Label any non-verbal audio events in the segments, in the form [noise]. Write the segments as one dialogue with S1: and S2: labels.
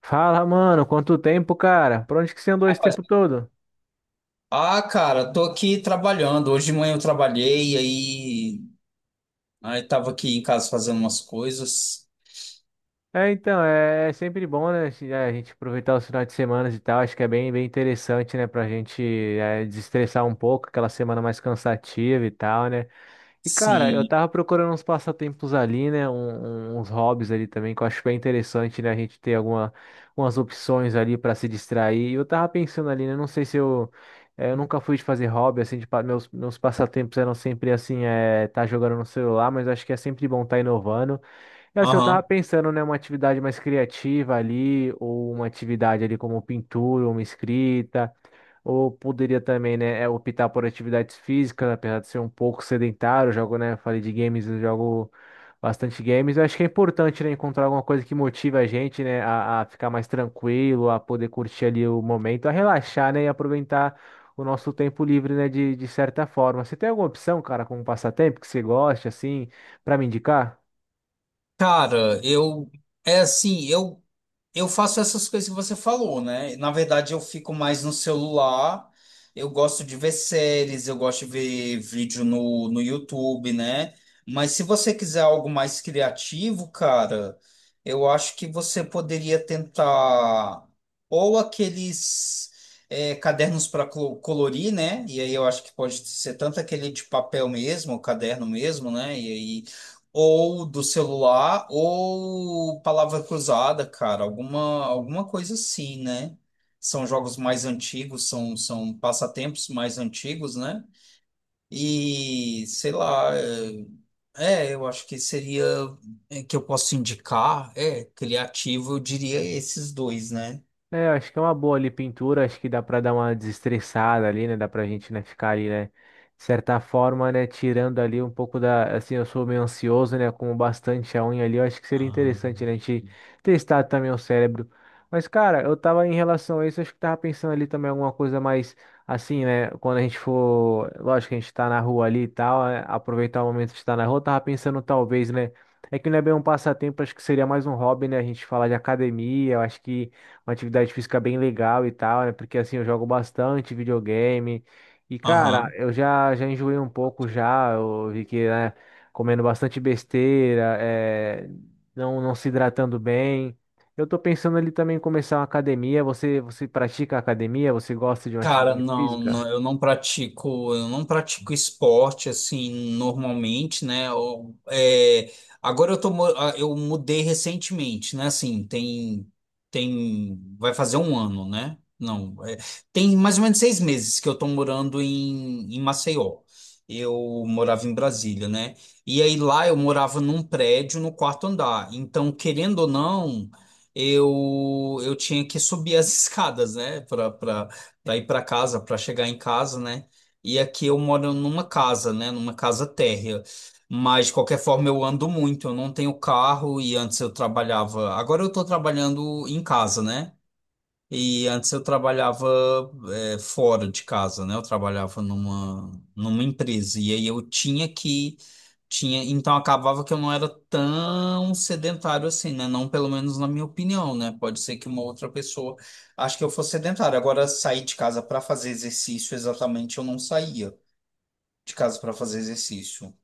S1: Fala, mano, quanto tempo, cara? Por onde que você andou esse
S2: Rapaz,
S1: tempo todo?
S2: ah, cara, tô aqui trabalhando. Hoje de manhã eu trabalhei, aí, tava aqui em casa fazendo umas coisas.
S1: É sempre bom, né, a gente aproveitar os finais de semana e tal, acho que é bem, bem interessante, né, pra gente desestressar um pouco, aquela semana mais cansativa e tal, né? E cara, eu
S2: Sim.
S1: tava procurando uns passatempos ali, né? Uns hobbies ali também, que eu acho bem interessante, né? A gente ter algumas opções ali pra se distrair. E eu tava pensando ali, né? Não sei se eu. Eh, Eu nunca fui de fazer hobby, assim, meus passatempos eram sempre assim, é, tá jogando no celular, mas acho que é sempre bom tá inovando. E assim, eu tava
S2: Aham.
S1: pensando, né? Uma atividade mais criativa ali, ou uma atividade ali como pintura, uma escrita. Ou poderia também, né, é, optar por atividades físicas, apesar de ser um pouco sedentário, eu jogo, né, falei de games, eu jogo bastante games. Eu acho que é importante, né, encontrar alguma coisa que motive a gente, né, a ficar mais tranquilo, a poder curtir ali o momento, a relaxar, né, e aproveitar o nosso tempo livre, né, de certa forma. Você tem alguma opção, cara, como passatempo que você goste, assim, para me indicar?
S2: Cara, eu é assim, eu faço essas coisas que você falou, né? Na verdade, eu fico mais no celular. Eu gosto de ver séries, eu gosto de ver vídeo no YouTube, né? Mas se você quiser algo mais criativo, cara, eu acho que você poderia tentar ou aqueles cadernos para colorir, né? E aí eu acho que pode ser tanto aquele de papel mesmo, o caderno mesmo, né? E ou do celular, ou palavra cruzada, cara, alguma coisa assim, né? São jogos mais antigos, são passatempos mais antigos, né? E sei lá, eu acho que seria, que eu posso indicar, criativo, eu diria esses dois, né?
S1: É, acho que é uma boa ali pintura, acho que dá para dar uma desestressada ali, né? Dá pra gente, né, ficar ali, né, de certa forma, né, tirando ali um pouco da, assim, eu sou meio ansioso, né, com bastante a unha ali, eu acho que seria interessante, né, a gente testar também o cérebro. Mas, cara, eu tava em relação a isso, acho que tava pensando ali também alguma coisa mais, assim, né, quando a gente for, lógico que a gente tá na rua ali e tal, né, aproveitar o momento de estar na rua, eu tava pensando talvez, né, é que não é bem um passatempo, acho que seria mais um hobby, né, a gente falar de academia, eu acho que uma atividade física bem legal e tal, né? Porque assim, eu jogo bastante videogame. E, cara,
S2: Aham.
S1: já enjoei um pouco já. Eu vi que, né, comendo bastante besteira, é, não se hidratando bem. Eu tô pensando ali também em começar uma academia. Você pratica academia? Você gosta de uma
S2: Cara,
S1: atividade
S2: não,
S1: física?
S2: não, eu não pratico esporte assim normalmente, né? Agora eu tô, eu mudei recentemente, né? Assim, tem, vai fazer um ano, né? Não, tem mais ou menos 6 meses que eu tô morando em, Maceió. Eu morava em Brasília, né? E aí lá eu morava num prédio no quarto andar. Então, querendo ou não, eu tinha que subir as [laughs] escadas, né? Para ir para casa, para chegar em casa, né? E aqui eu moro numa casa, né? Numa casa térrea. Mas de qualquer forma eu ando muito, eu não tenho carro e antes eu trabalhava. Agora eu estou trabalhando em casa, né? E antes eu trabalhava fora de casa, né? Eu trabalhava numa empresa e aí eu tinha que tinha, então acabava que eu não era tão sedentário assim, né? Não pelo menos na minha opinião, né? Pode ser que uma outra pessoa acho que eu fosse sedentário. Agora sair de casa para fazer exercício exatamente eu não saía de casa para fazer exercício.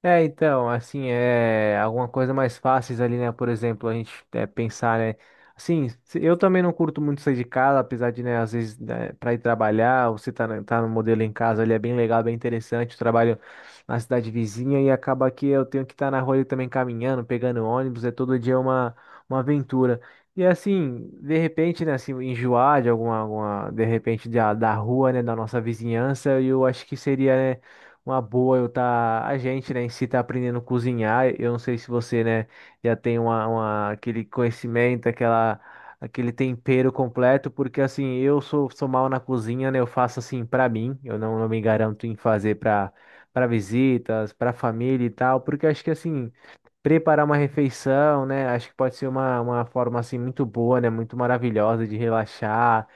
S1: É, então, assim, é alguma coisa mais fáceis ali, né? Por exemplo, a gente é, pensar, né? Assim, eu também não curto muito sair de casa, apesar de, né, às vezes, né, para ir trabalhar, você tá, tá no modelo em casa, ele é bem legal, bem interessante. Eu trabalho na cidade vizinha e acaba que eu tenho que estar na rua ali também caminhando, pegando ônibus, é todo dia uma aventura. E assim, de repente, né, assim, enjoar de alguma, alguma, de repente, da rua, né, da nossa vizinhança, eu acho que seria, né? Uma boa eu tá, a gente, né, em si tá aprendendo a cozinhar. Eu não sei se você, né, já tem aquele conhecimento, aquele tempero completo, porque assim, sou mal na cozinha, né? Eu faço assim pra mim, eu não, não me garanto em fazer pra para visitas, pra família e tal, porque acho que assim, preparar uma refeição, né, acho que pode ser uma forma assim muito boa, né, muito maravilhosa de relaxar,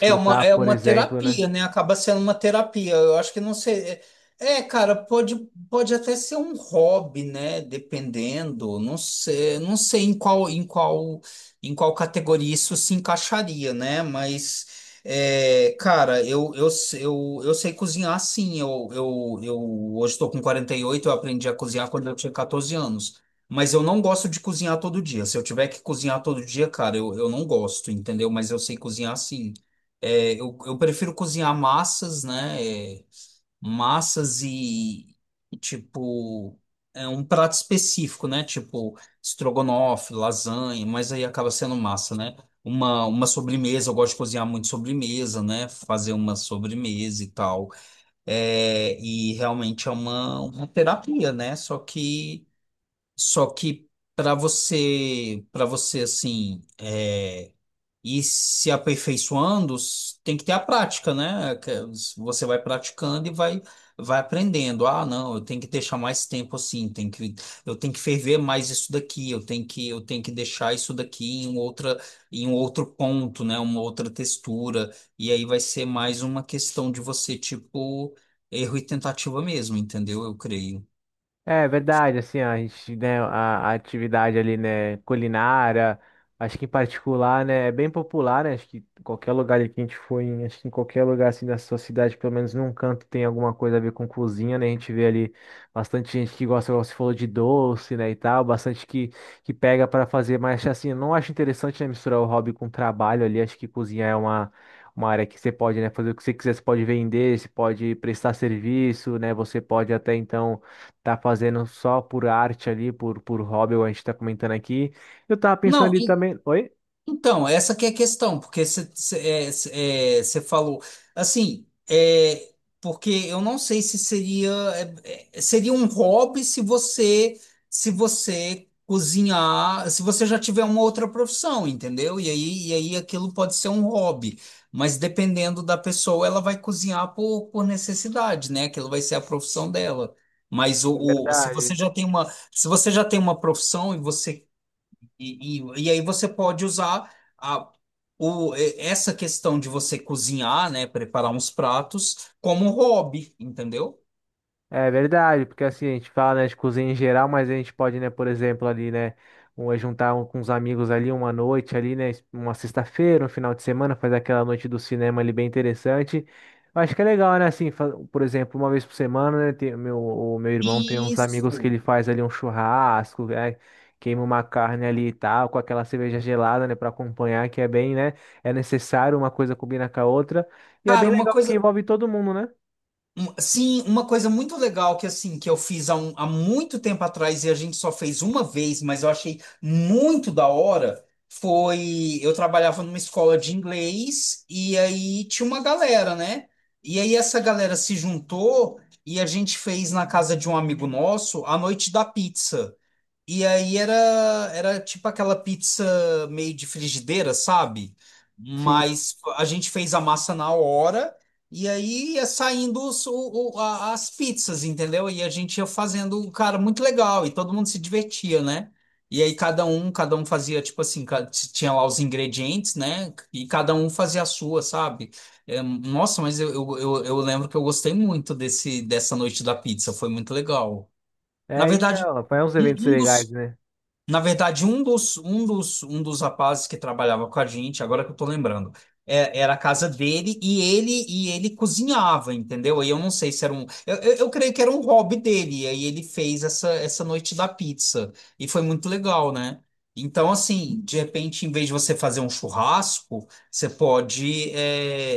S2: É
S1: por
S2: uma
S1: exemplo, né?
S2: terapia, né? Acaba sendo uma terapia. Eu acho que não sei. É, cara, pode até ser um hobby, né? Dependendo. Não sei, não sei em qual, em qual categoria isso se encaixaria, né? Mas, é, cara, eu sei cozinhar sim. Eu hoje estou com 48. Eu aprendi a cozinhar quando eu tinha 14 anos. Mas eu não gosto de cozinhar todo dia. Se eu tiver que cozinhar todo dia, cara, eu não gosto, entendeu? Mas eu sei cozinhar sim. É, eu prefiro cozinhar massas, né? É, massas e, tipo, é um prato específico, né? Tipo, estrogonofe, lasanha, mas aí acaba sendo massa, né? Uma, sobremesa, eu gosto de cozinhar muito sobremesa, né? Fazer uma sobremesa e tal. É, e realmente é uma, terapia, né? Só que para você, assim. E se aperfeiçoando, tem que ter a prática, né? Que você vai praticando e vai aprendendo. Ah, não, eu tenho que deixar mais tempo assim, tem que, eu tenho que ferver mais isso daqui, eu tenho que deixar isso daqui em em um outro ponto, né? Uma outra textura. E aí vai ser mais uma questão de você, tipo, erro e tentativa mesmo, entendeu? Eu creio.
S1: É verdade, assim, a gente, né, a atividade ali, né, culinária, acho que em particular, né, é bem popular, né, acho que qualquer lugar ali que a gente for, em, acho que em qualquer lugar, assim, da sua cidade, pelo menos num canto tem alguma coisa a ver com cozinha, né, a gente vê ali bastante gente que gosta, igual você falou, de doce, né, e tal, bastante que pega para fazer, mas, assim, eu não acho interessante, né, misturar o hobby com o trabalho ali, acho que cozinha é uma... Uma área que você pode, né, fazer o que você quiser, você pode vender, você pode prestar serviço, né? Você pode até então tá fazendo só por arte ali, por hobby, igual a gente tá comentando aqui. Eu tava pensando
S2: Não,
S1: ali também. Oi?
S2: então, essa que é a questão, porque você falou assim, é, porque eu não sei se seria seria um hobby se você se você cozinhar, se você já tiver uma outra profissão, entendeu? E aí aquilo pode ser um hobby, mas dependendo da pessoa, ela vai cozinhar por necessidade, né? Aquilo vai ser a profissão dela. Mas
S1: É
S2: se você
S1: verdade.
S2: já tem uma, se você já tem uma profissão e você e aí você pode usar a, essa questão de você cozinhar, né, preparar uns pratos como um hobby, entendeu?
S1: É verdade, porque assim, a gente fala, né, de cozinha em geral, mas a gente pode, né, por exemplo, ali, né, um, é juntar com os amigos ali uma noite ali, né, uma sexta-feira, um final de semana, fazer aquela noite do cinema ali bem interessante. Eu acho que é legal, né, assim, por exemplo, uma vez por semana, né, tem, o meu irmão tem uns amigos que
S2: Isso.
S1: ele faz ali um churrasco, né, queima uma carne ali e tal, com aquela cerveja gelada, né, para acompanhar, que é bem, né, é necessário, uma coisa combina com a outra, e é
S2: Cara,
S1: bem legal porque envolve todo mundo, né?
S2: Sim, uma coisa muito legal que assim que eu fiz há muito tempo atrás e a gente só fez uma vez, mas eu achei muito da hora, foi eu trabalhava numa escola de inglês e aí tinha uma galera, né? E aí essa galera se juntou e a gente fez na casa de um amigo nosso a noite da pizza. E aí era tipo aquela pizza meio de frigideira, sabe?
S1: Sim.
S2: Mas a gente fez a massa na hora e aí ia saindo as pizzas, entendeu? E a gente ia fazendo, um cara, muito legal e todo mundo se divertia, né? E aí cada um fazia tipo assim, tinha lá os ingredientes, né? E cada um fazia a sua, sabe? É, nossa, mas eu lembro que eu gostei muito dessa noite da pizza, foi muito legal. Na
S1: É,
S2: verdade,
S1: então, faz uns
S2: um
S1: eventos
S2: um
S1: legais,
S2: dos
S1: né?
S2: na verdade, um dos, um dos, um dos rapazes que trabalhava com a gente, agora que eu tô lembrando, era a casa dele e ele cozinhava, entendeu? Aí eu não sei se era um. Eu creio que era um hobby dele. E aí ele fez essa noite da pizza. E foi muito legal, né? Então, assim, de repente, em vez de você fazer um churrasco, você pode é,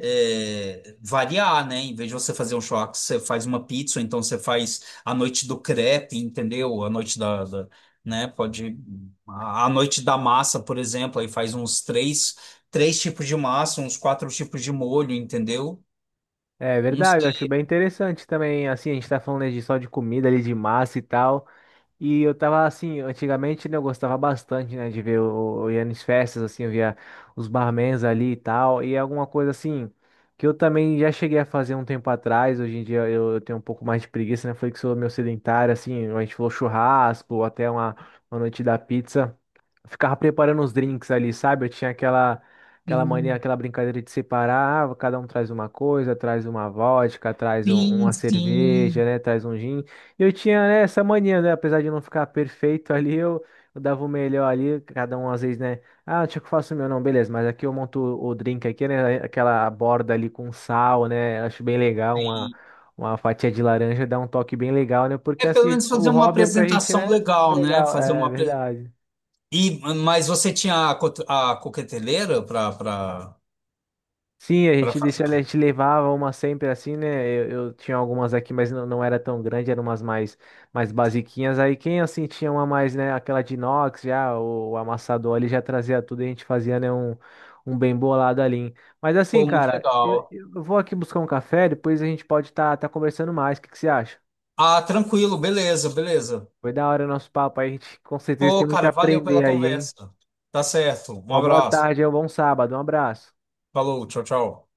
S2: é, variar, né? Em vez de você fazer um churrasco, você faz uma pizza, ou então você faz a noite do crepe, entendeu? A noite da, da- né? Pode a noite da massa, por exemplo, aí faz uns três tipos de massa, uns quatro tipos de molho, entendeu?
S1: É
S2: Uns
S1: verdade, eu acho
S2: sim,
S1: bem interessante também, assim, a gente tá falando né, de só de comida ali, de massa e tal, e eu tava assim, antigamente, né, eu gostava bastante, né, de ver, o, eu ia nas festas, assim, eu via os barmans ali e tal, e é alguma coisa assim, que eu também já cheguei a fazer um tempo atrás, hoje em dia eu tenho um pouco mais de preguiça, né, foi que sou meu sedentário, assim, a gente falou churrasco, ou até uma noite da pizza, ficava preparando os drinks ali, sabe? Eu tinha aquela mania,
S2: sim,
S1: aquela brincadeira de separar, ah, cada um traz uma coisa, traz uma vodka, uma
S2: sim.
S1: cerveja, né, traz um gin. E eu tinha, né, essa mania, né, apesar de não ficar perfeito ali, eu dava o melhor ali, cada um às vezes, né, ah, deixa que eu faço o meu, não, beleza, mas aqui eu monto o drink aqui, né, aquela borda ali com sal, né, acho bem legal
S2: Sim.
S1: uma fatia de laranja dá um toque bem legal, né? Porque
S2: É pelo
S1: assim,
S2: menos fazer
S1: o
S2: uma
S1: hobby é pra gente,
S2: apresentação
S1: né? É
S2: legal, né?
S1: legal, é verdade.
S2: E mas você tinha a, a coqueteleira
S1: Sim, a
S2: para
S1: gente
S2: fazer.
S1: deixa, a gente levava uma sempre assim, né? Eu tinha algumas aqui, mas não era tão grande, eram umas mais, mais basiquinhas. Aí quem assim tinha uma mais, né? Aquela de inox já, o amassador ali já trazia tudo e a gente fazia, né? Um bem bolado ali. Mas assim,
S2: Pô, muito
S1: cara,
S2: legal.
S1: eu vou aqui buscar um café, depois a gente pode estar tá conversando mais. O que que você acha?
S2: Ah, tranquilo, beleza, beleza.
S1: Foi da hora o nosso papo aí, a gente com certeza tem
S2: Pô,
S1: muito a
S2: cara, valeu pela
S1: aprender aí, hein?
S2: conversa. Tá certo. Um
S1: Uma boa
S2: abraço.
S1: tarde, é um bom sábado, um abraço.
S2: Falou, tchau, tchau.